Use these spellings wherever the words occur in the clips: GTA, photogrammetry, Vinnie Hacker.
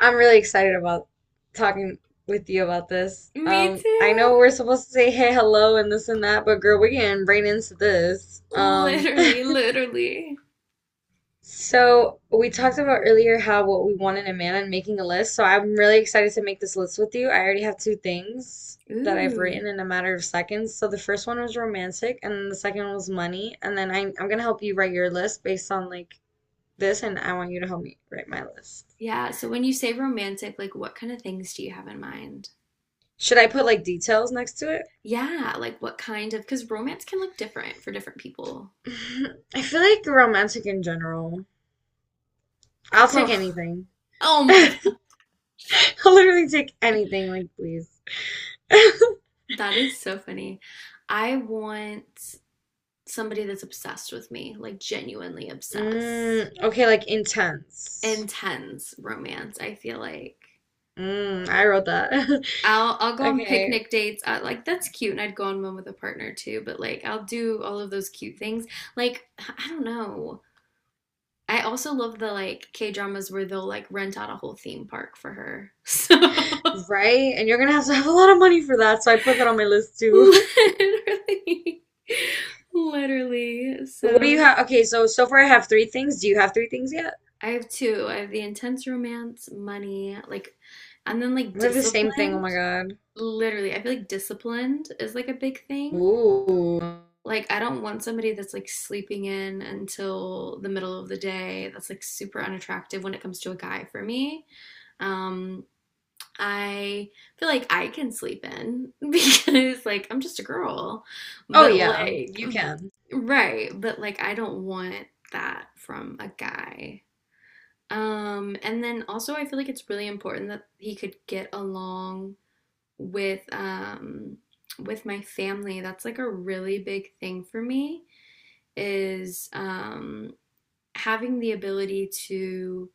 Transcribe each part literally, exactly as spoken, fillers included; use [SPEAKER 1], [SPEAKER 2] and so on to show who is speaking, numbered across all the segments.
[SPEAKER 1] I'm really excited about talking with you about this.
[SPEAKER 2] Me
[SPEAKER 1] Um, I
[SPEAKER 2] too.
[SPEAKER 1] know we're supposed to say hey, hello, and this and that, but girl, we're getting right into this. Um,
[SPEAKER 2] Literally, literally.
[SPEAKER 1] so we talked about earlier how what we want in a man and making a list. So I'm really excited to make this list with you. I already have two things that I've
[SPEAKER 2] Ooh.
[SPEAKER 1] written in a matter of seconds. So the first one was romantic, and then the second one was money. And then I, I'm gonna help you write your list based on like this, and I want you to help me write my list.
[SPEAKER 2] Yeah, so when you say romantic, like what kind of things do you have in mind?
[SPEAKER 1] Should I put like details next to it?
[SPEAKER 2] Yeah, like what kind of, because romance can look different for different people.
[SPEAKER 1] I feel like romantic in general. I'll take
[SPEAKER 2] Girl,
[SPEAKER 1] anything.
[SPEAKER 2] oh my
[SPEAKER 1] I'll
[SPEAKER 2] God,
[SPEAKER 1] literally take anything, like, please.
[SPEAKER 2] that is so funny. I want somebody that's obsessed with me, like genuinely obsessed.
[SPEAKER 1] Mm, okay, like intense.
[SPEAKER 2] Intense romance, I feel like.
[SPEAKER 1] Mm, I wrote that.
[SPEAKER 2] I'll I'll go on
[SPEAKER 1] Okay,
[SPEAKER 2] picnic dates. I, like that's cute, and I'd go on one with a partner too. But like I'll do all of those cute things. Like I don't know. I also love the like K dramas where they'll like rent out a whole theme park for her. So
[SPEAKER 1] right? And you're gonna have to have a lot of money for that, so I put that on my list too.
[SPEAKER 2] literally, literally.
[SPEAKER 1] What do you
[SPEAKER 2] So
[SPEAKER 1] have? Okay, so so far I have three things. Do you have three things yet?
[SPEAKER 2] I have two. I have the intense romance, money, like, and then like
[SPEAKER 1] We have the same thing. Oh my
[SPEAKER 2] disciplined.
[SPEAKER 1] God.
[SPEAKER 2] Literally, I feel like disciplined is like a big thing.
[SPEAKER 1] Ooh.
[SPEAKER 2] Like, I don't want somebody that's like sleeping in until the middle of the day. That's like super unattractive when it comes to a guy for me. Um, I feel like I can sleep in because like I'm just a girl.
[SPEAKER 1] Oh
[SPEAKER 2] But
[SPEAKER 1] yeah,
[SPEAKER 2] like
[SPEAKER 1] you can.
[SPEAKER 2] right, but like I don't want that from a guy. Um, and then also I feel like it's really important that he could get along with um with my family. That's like a really big thing for me is um, having the ability to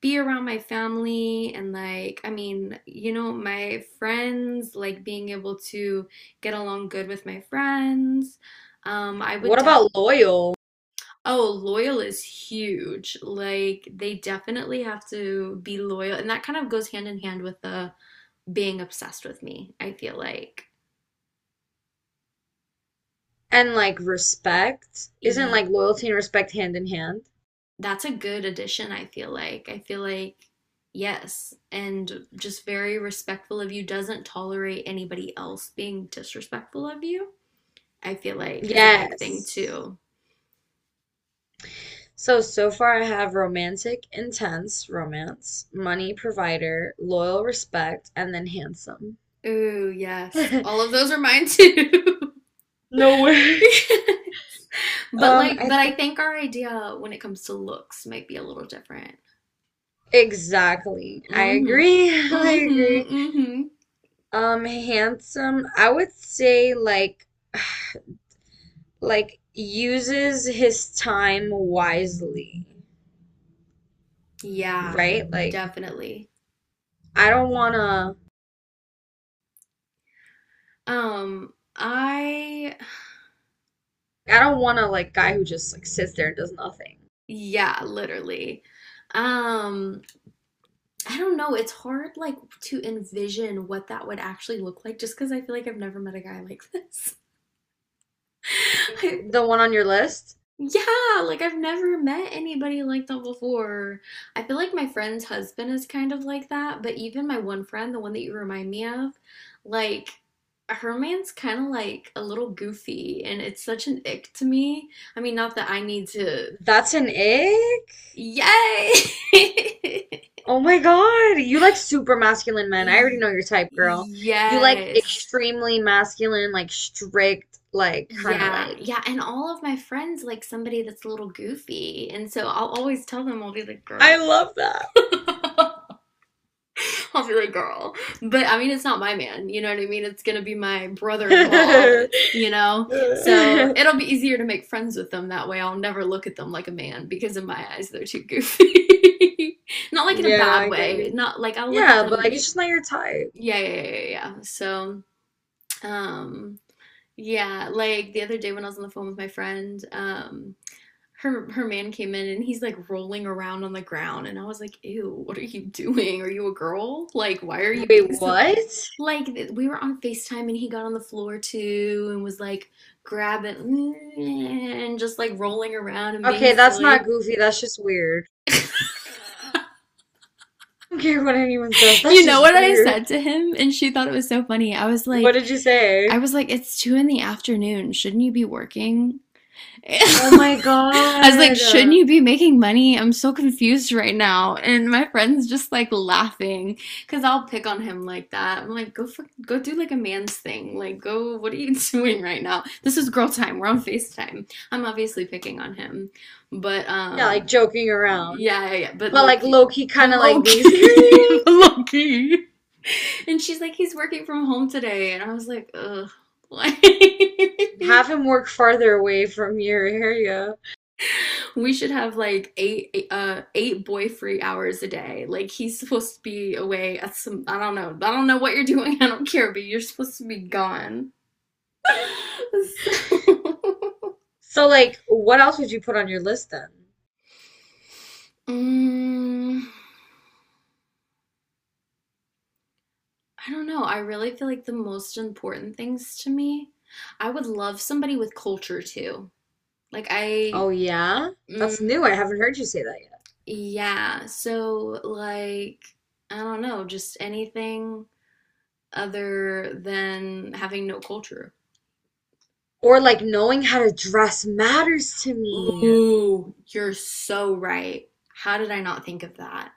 [SPEAKER 2] be around my family and like I mean you know my friends, like being able to get along good with my friends, um I would
[SPEAKER 1] What
[SPEAKER 2] definitely.
[SPEAKER 1] about loyal?
[SPEAKER 2] Oh, loyal is huge, like they definitely have to be loyal, and that kind of goes hand in hand with the being obsessed with me, I feel like.
[SPEAKER 1] And like respect. Isn't like loyalty and respect hand in hand?
[SPEAKER 2] That's a good addition, I feel like. I feel like, yes, and just very respectful of you, doesn't tolerate anybody else being disrespectful of you, I feel like is a big thing
[SPEAKER 1] Yes.
[SPEAKER 2] too.
[SPEAKER 1] So, so far I have romantic, intense, romance, money provider, loyal, respect, and then handsome.
[SPEAKER 2] Ooh, yes. All of those are mine too.
[SPEAKER 1] No way.
[SPEAKER 2] But
[SPEAKER 1] Um,
[SPEAKER 2] like,
[SPEAKER 1] I
[SPEAKER 2] but I
[SPEAKER 1] think
[SPEAKER 2] think our idea when it comes to looks might be a little different.
[SPEAKER 1] exactly. I
[SPEAKER 2] Mm hmm.
[SPEAKER 1] agree. I
[SPEAKER 2] Mm hmm.
[SPEAKER 1] agree.
[SPEAKER 2] Mm hmm.
[SPEAKER 1] Um, handsome, I would say like like uses his time wisely,
[SPEAKER 2] Yeah,
[SPEAKER 1] right? Like
[SPEAKER 2] definitely.
[SPEAKER 1] I don't wanna
[SPEAKER 2] Um, I,
[SPEAKER 1] I don't want a like guy who just like sits there and does nothing.
[SPEAKER 2] yeah, literally. Um, I don't know. It's hard, like, to envision what that would actually look like just because I feel like I've never met a guy like this.
[SPEAKER 1] Like
[SPEAKER 2] I,
[SPEAKER 1] the one on your list,
[SPEAKER 2] yeah, like, I've never met anybody like that before. I feel like my friend's husband is kind of like that, but even my one friend, the one that you remind me of, like, her man's kind of like a little goofy, and it's such an ick to me. I mean, not that I need to.
[SPEAKER 1] that's an egg.
[SPEAKER 2] Yay!
[SPEAKER 1] Oh my God, you like super masculine men. I already know your type, girl. You like
[SPEAKER 2] Yes.
[SPEAKER 1] extremely masculine, like strict, like kind of
[SPEAKER 2] Yeah,
[SPEAKER 1] like.
[SPEAKER 2] yeah, and all of my friends like somebody that's a little goofy, and so I'll always tell them, I'll be like,
[SPEAKER 1] I
[SPEAKER 2] girl.
[SPEAKER 1] love that.
[SPEAKER 2] I'll be like, girl. But I mean, it's not my man, you know what I mean? It's gonna be my brother-in-law. It's, you know, so it'll be easier to make friends with them that way. I'll never look at them like a man because in my eyes they're too goofy. Not like in a
[SPEAKER 1] Yeah, no,
[SPEAKER 2] bad
[SPEAKER 1] I get
[SPEAKER 2] way.
[SPEAKER 1] you.
[SPEAKER 2] Not like I'll look at
[SPEAKER 1] Yeah, but
[SPEAKER 2] them.
[SPEAKER 1] like it's
[SPEAKER 2] Y-
[SPEAKER 1] just not your type.
[SPEAKER 2] Yeah, yeah, yeah, yeah, yeah. So, um, yeah, like the other day when I was on the phone with my friend, um. her her man came in and he's like rolling around on the ground and I was like, "Ew, what are you doing? Are you a girl? Like, why are you
[SPEAKER 1] Wait,
[SPEAKER 2] being so
[SPEAKER 1] what?
[SPEAKER 2] like we were on FaceTime and he got on the floor too and was like grabbing and just like rolling around and being
[SPEAKER 1] Okay, that's not
[SPEAKER 2] silly."
[SPEAKER 1] goofy. That's just weird. I don't care what anyone says. That's
[SPEAKER 2] You know
[SPEAKER 1] just
[SPEAKER 2] what I
[SPEAKER 1] weird.
[SPEAKER 2] said to him? And she thought it was so funny. I was
[SPEAKER 1] What
[SPEAKER 2] like,
[SPEAKER 1] did you say?
[SPEAKER 2] I was like, it's two in the afternoon. Shouldn't you be working?
[SPEAKER 1] Oh my
[SPEAKER 2] I was like, shouldn't
[SPEAKER 1] God.
[SPEAKER 2] you be making money? I'm so confused right now. And my friend's just like laughing because I'll pick on him like that. I'm like, go for, go do like a man's thing. Like, go, what are you doing right now? This is girl time. We're on FaceTime. I'm obviously picking on him. But
[SPEAKER 1] Yeah, like
[SPEAKER 2] um
[SPEAKER 1] joking around.
[SPEAKER 2] yeah, yeah, yeah, but
[SPEAKER 1] But
[SPEAKER 2] low
[SPEAKER 1] like
[SPEAKER 2] key,
[SPEAKER 1] low key
[SPEAKER 2] but
[SPEAKER 1] kind of
[SPEAKER 2] low
[SPEAKER 1] like being
[SPEAKER 2] key, but
[SPEAKER 1] serious.
[SPEAKER 2] low key. And she's like, he's working from home today. And I was like, ugh, like
[SPEAKER 1] Have him work farther away from your area.
[SPEAKER 2] we should have like eight uh eight boy free hours a day. Like he's supposed to be away at some I don't know. I don't know what you're doing. I don't care, but you're supposed to be gone. So,
[SPEAKER 1] So like what else would you put on your list then?
[SPEAKER 2] mm, I don't know. I really feel like the most important things to me. I would love somebody with culture too. Like
[SPEAKER 1] Oh
[SPEAKER 2] I
[SPEAKER 1] yeah? That's
[SPEAKER 2] mm,
[SPEAKER 1] new. I haven't heard you say that yet.
[SPEAKER 2] yeah. So like I don't know, just anything other than having no culture.
[SPEAKER 1] Or like knowing how to dress matters to me.
[SPEAKER 2] Ooh, you're so right. How did I not think of that?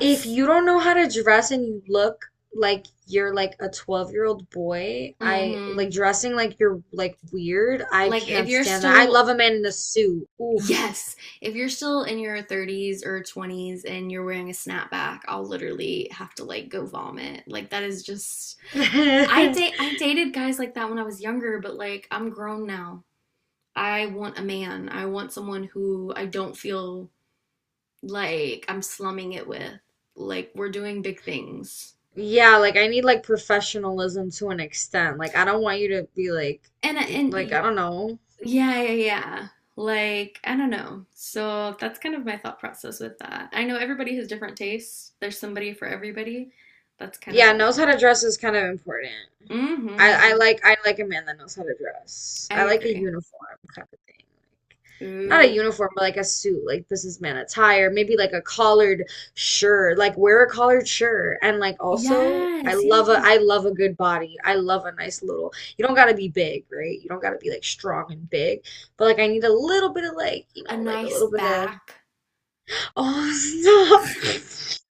[SPEAKER 1] If you don't know how to dress and you look like you're like a twelve-year-old boy, I
[SPEAKER 2] Mm-hmm.
[SPEAKER 1] like dressing like you're like weird. I
[SPEAKER 2] Like if
[SPEAKER 1] can't
[SPEAKER 2] you're
[SPEAKER 1] stand that. I
[SPEAKER 2] still,
[SPEAKER 1] love a man in a suit. Oof.
[SPEAKER 2] yes, if you're still in your thirties or twenties and you're wearing a snapback, I'll literally have to like go vomit. Like that is just I date I dated guys like that when I was younger, but like I'm grown now. I want a man. I want someone who I don't feel like I'm slumming it with. Like we're doing big things.
[SPEAKER 1] Yeah, like I need like professionalism to an extent. Like I don't want you to be like
[SPEAKER 2] And and
[SPEAKER 1] like
[SPEAKER 2] yeah,
[SPEAKER 1] I don't know.
[SPEAKER 2] yeah, yeah. Like, I don't know. So that's kind of my thought process with that. I know everybody has different tastes. There's somebody for everybody. That's kind of
[SPEAKER 1] Yeah,
[SPEAKER 2] what I
[SPEAKER 1] knows how
[SPEAKER 2] think.
[SPEAKER 1] to dress is kind of important. I, I
[SPEAKER 2] Mm-hmm.
[SPEAKER 1] like I like a man that knows how to dress.
[SPEAKER 2] I
[SPEAKER 1] I like a
[SPEAKER 2] agree.
[SPEAKER 1] uniform kind of thing. Like not a
[SPEAKER 2] Ooh.
[SPEAKER 1] uniform, but like a suit, like businessman attire, maybe like a collared shirt, like wear a collared shirt. And like also, I
[SPEAKER 2] Yes, yeah,
[SPEAKER 1] love a
[SPEAKER 2] yeah.
[SPEAKER 1] I love a good body. I love a nice little. You don't gotta be big, right? You don't gotta be like strong and big, but like I need a little bit of like, you
[SPEAKER 2] A
[SPEAKER 1] know, like a
[SPEAKER 2] nice
[SPEAKER 1] little bit of
[SPEAKER 2] back.
[SPEAKER 1] oh stop.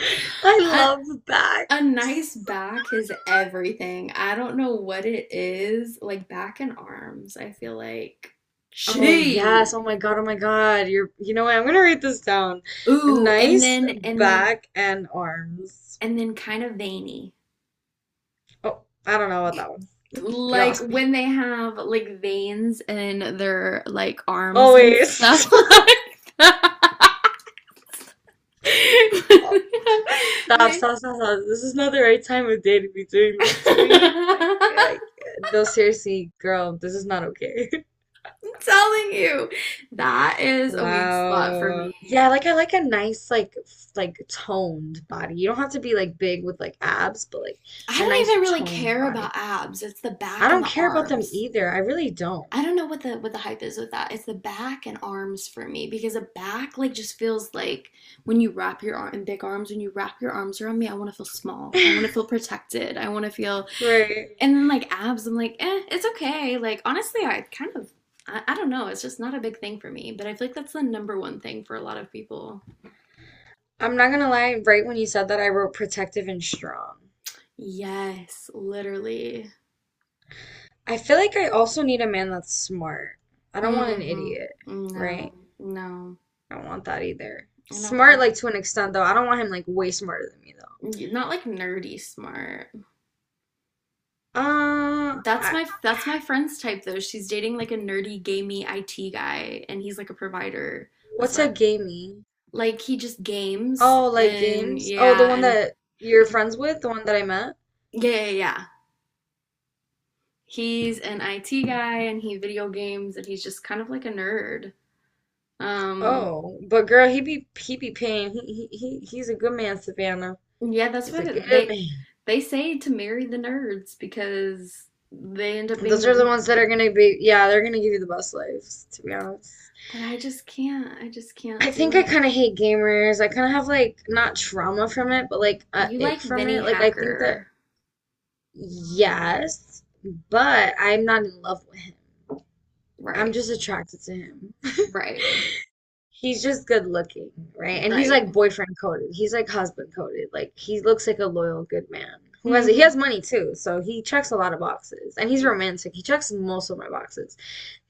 [SPEAKER 1] I
[SPEAKER 2] A,
[SPEAKER 1] love
[SPEAKER 2] a nice
[SPEAKER 1] backs.
[SPEAKER 2] back is everything. I don't know what it is. Like back and arms, I feel like
[SPEAKER 1] Oh
[SPEAKER 2] she.
[SPEAKER 1] yes. Oh my God. Oh my God. You're you know what? I'm gonna write this down.
[SPEAKER 2] Ooh, and
[SPEAKER 1] Nice
[SPEAKER 2] then and then
[SPEAKER 1] back and arms.
[SPEAKER 2] and then kind of veiny.
[SPEAKER 1] Oh, I don't know about that one. You
[SPEAKER 2] Like
[SPEAKER 1] lost me.
[SPEAKER 2] when they have like veins in their like
[SPEAKER 1] Oh
[SPEAKER 2] arms and
[SPEAKER 1] wait.
[SPEAKER 2] stuff
[SPEAKER 1] Stop.
[SPEAKER 2] like that.
[SPEAKER 1] Stop.
[SPEAKER 2] Like-
[SPEAKER 1] Stop. Stop. This is not the right time of day to be doing this to me.
[SPEAKER 2] I'm
[SPEAKER 1] I can't. I can't. No, seriously, girl. This is not okay.
[SPEAKER 2] telling you, that is a weak spot for
[SPEAKER 1] Wow.
[SPEAKER 2] me.
[SPEAKER 1] Yeah, like I like a nice like f- like toned body. You don't have to be like big with like abs, but like
[SPEAKER 2] I
[SPEAKER 1] a
[SPEAKER 2] don't
[SPEAKER 1] nice
[SPEAKER 2] even really
[SPEAKER 1] toned
[SPEAKER 2] care about
[SPEAKER 1] body.
[SPEAKER 2] abs. It's the
[SPEAKER 1] I
[SPEAKER 2] back and
[SPEAKER 1] don't
[SPEAKER 2] the
[SPEAKER 1] care about them
[SPEAKER 2] arms.
[SPEAKER 1] either. I really don't.
[SPEAKER 2] I don't know what the what the hype is with that. It's the back and arms for me because the back like just feels like when you wrap your arm in big arms, when you wrap your arms around me, I want to feel small. I want to feel protected. I want to feel
[SPEAKER 1] Right.
[SPEAKER 2] and then like abs, I'm like, eh, it's okay. Like honestly, I kind of, I, I don't know. It's just not a big thing for me. But I feel like that's the number one thing for a lot of people.
[SPEAKER 1] I'm not gonna lie, right when you said that, I wrote protective and strong.
[SPEAKER 2] Yes, literally.
[SPEAKER 1] I feel like I also need a man that's smart. I don't want an
[SPEAKER 2] Mm-hmm.
[SPEAKER 1] idiot,
[SPEAKER 2] No,
[SPEAKER 1] right?
[SPEAKER 2] no,
[SPEAKER 1] I don't want that either.
[SPEAKER 2] I
[SPEAKER 1] Smart,
[SPEAKER 2] don't.
[SPEAKER 1] like to an extent, though. I don't want him like way smarter than me, though.
[SPEAKER 2] Mm, not like nerdy smart.
[SPEAKER 1] Uh,
[SPEAKER 2] That's
[SPEAKER 1] I,
[SPEAKER 2] my that's my friend's type though. She's dating like a nerdy gamey I T guy, and he's like a provider. That's
[SPEAKER 1] what's a
[SPEAKER 2] what.
[SPEAKER 1] gamey?
[SPEAKER 2] Like he just games
[SPEAKER 1] Oh, like
[SPEAKER 2] and
[SPEAKER 1] games? Oh, the
[SPEAKER 2] yeah
[SPEAKER 1] one
[SPEAKER 2] and.
[SPEAKER 1] that you're
[SPEAKER 2] Mm,
[SPEAKER 1] friends with, the one that I met?
[SPEAKER 2] yeah, yeah, yeah. He's an I T guy and he video games and he's just kind of like a nerd. Um,
[SPEAKER 1] Oh, but girl, he be he be paying. He he he he's a good man, Savannah.
[SPEAKER 2] yeah, that's
[SPEAKER 1] He's
[SPEAKER 2] why
[SPEAKER 1] a good
[SPEAKER 2] they
[SPEAKER 1] man.
[SPEAKER 2] they, say to marry the nerds because they end up being
[SPEAKER 1] Those
[SPEAKER 2] the
[SPEAKER 1] are the
[SPEAKER 2] real.
[SPEAKER 1] ones that are gonna be, yeah, they're gonna give you the best lives, to be honest.
[SPEAKER 2] But I just can't. I just
[SPEAKER 1] I
[SPEAKER 2] can't do
[SPEAKER 1] think I
[SPEAKER 2] it.
[SPEAKER 1] kind of hate gamers. I kind of have like not trauma from it, but like a
[SPEAKER 2] You
[SPEAKER 1] ick
[SPEAKER 2] like
[SPEAKER 1] from
[SPEAKER 2] Vinnie
[SPEAKER 1] it. Like I think that
[SPEAKER 2] Hacker,
[SPEAKER 1] yes, but I'm not in love with him. I'm
[SPEAKER 2] right?
[SPEAKER 1] just attracted to him.
[SPEAKER 2] Right.
[SPEAKER 1] He's just good looking, right? And he's
[SPEAKER 2] Right.
[SPEAKER 1] like boyfriend coded. He's like husband coded. Like he looks like a loyal good man who has he
[SPEAKER 2] Mm-hmm.
[SPEAKER 1] has money too, so he checks a lot of boxes. And he's romantic. He checks most of my boxes.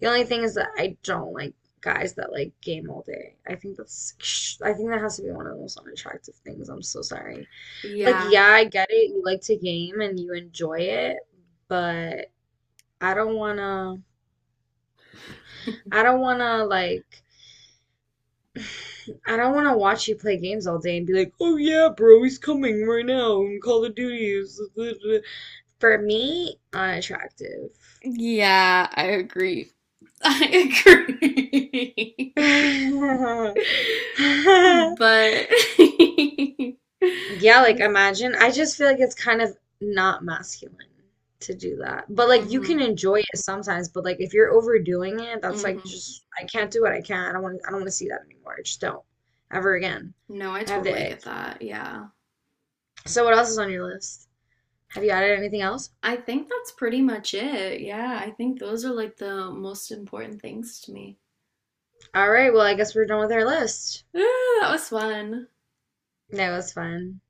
[SPEAKER 1] The only thing is that I don't like guys that like game all day. I think that's I think that has to be one of the most unattractive things. I'm so sorry. Like,
[SPEAKER 2] Yeah.
[SPEAKER 1] yeah, I get it. You like to game and you enjoy it, but I don't wanna I don't wanna like I don't wanna watch you play games all day and be like, "Oh yeah, bro, he's coming right now and Call of Duty is For me, unattractive.
[SPEAKER 2] Yeah, I agree. I agree. but that
[SPEAKER 1] Yeah, like
[SPEAKER 2] is-
[SPEAKER 1] imagine. I just feel like it's kind of not masculine to do that. But like you
[SPEAKER 2] mhm.
[SPEAKER 1] can enjoy it sometimes, but like if you're overdoing it, that's like
[SPEAKER 2] Hmm.
[SPEAKER 1] just I can't do what I can't. I don't want I don't want to see that anymore. I just don't. Ever again.
[SPEAKER 2] No, I
[SPEAKER 1] I have
[SPEAKER 2] totally
[SPEAKER 1] the ick.
[SPEAKER 2] get that. Yeah.
[SPEAKER 1] So what else is on your list? Have you added anything else?
[SPEAKER 2] I think that's pretty much it. Yeah, I think those are like the most important things to me.
[SPEAKER 1] All right, well, I guess we're done with our list.
[SPEAKER 2] Ah, that was fun.
[SPEAKER 1] That was fun.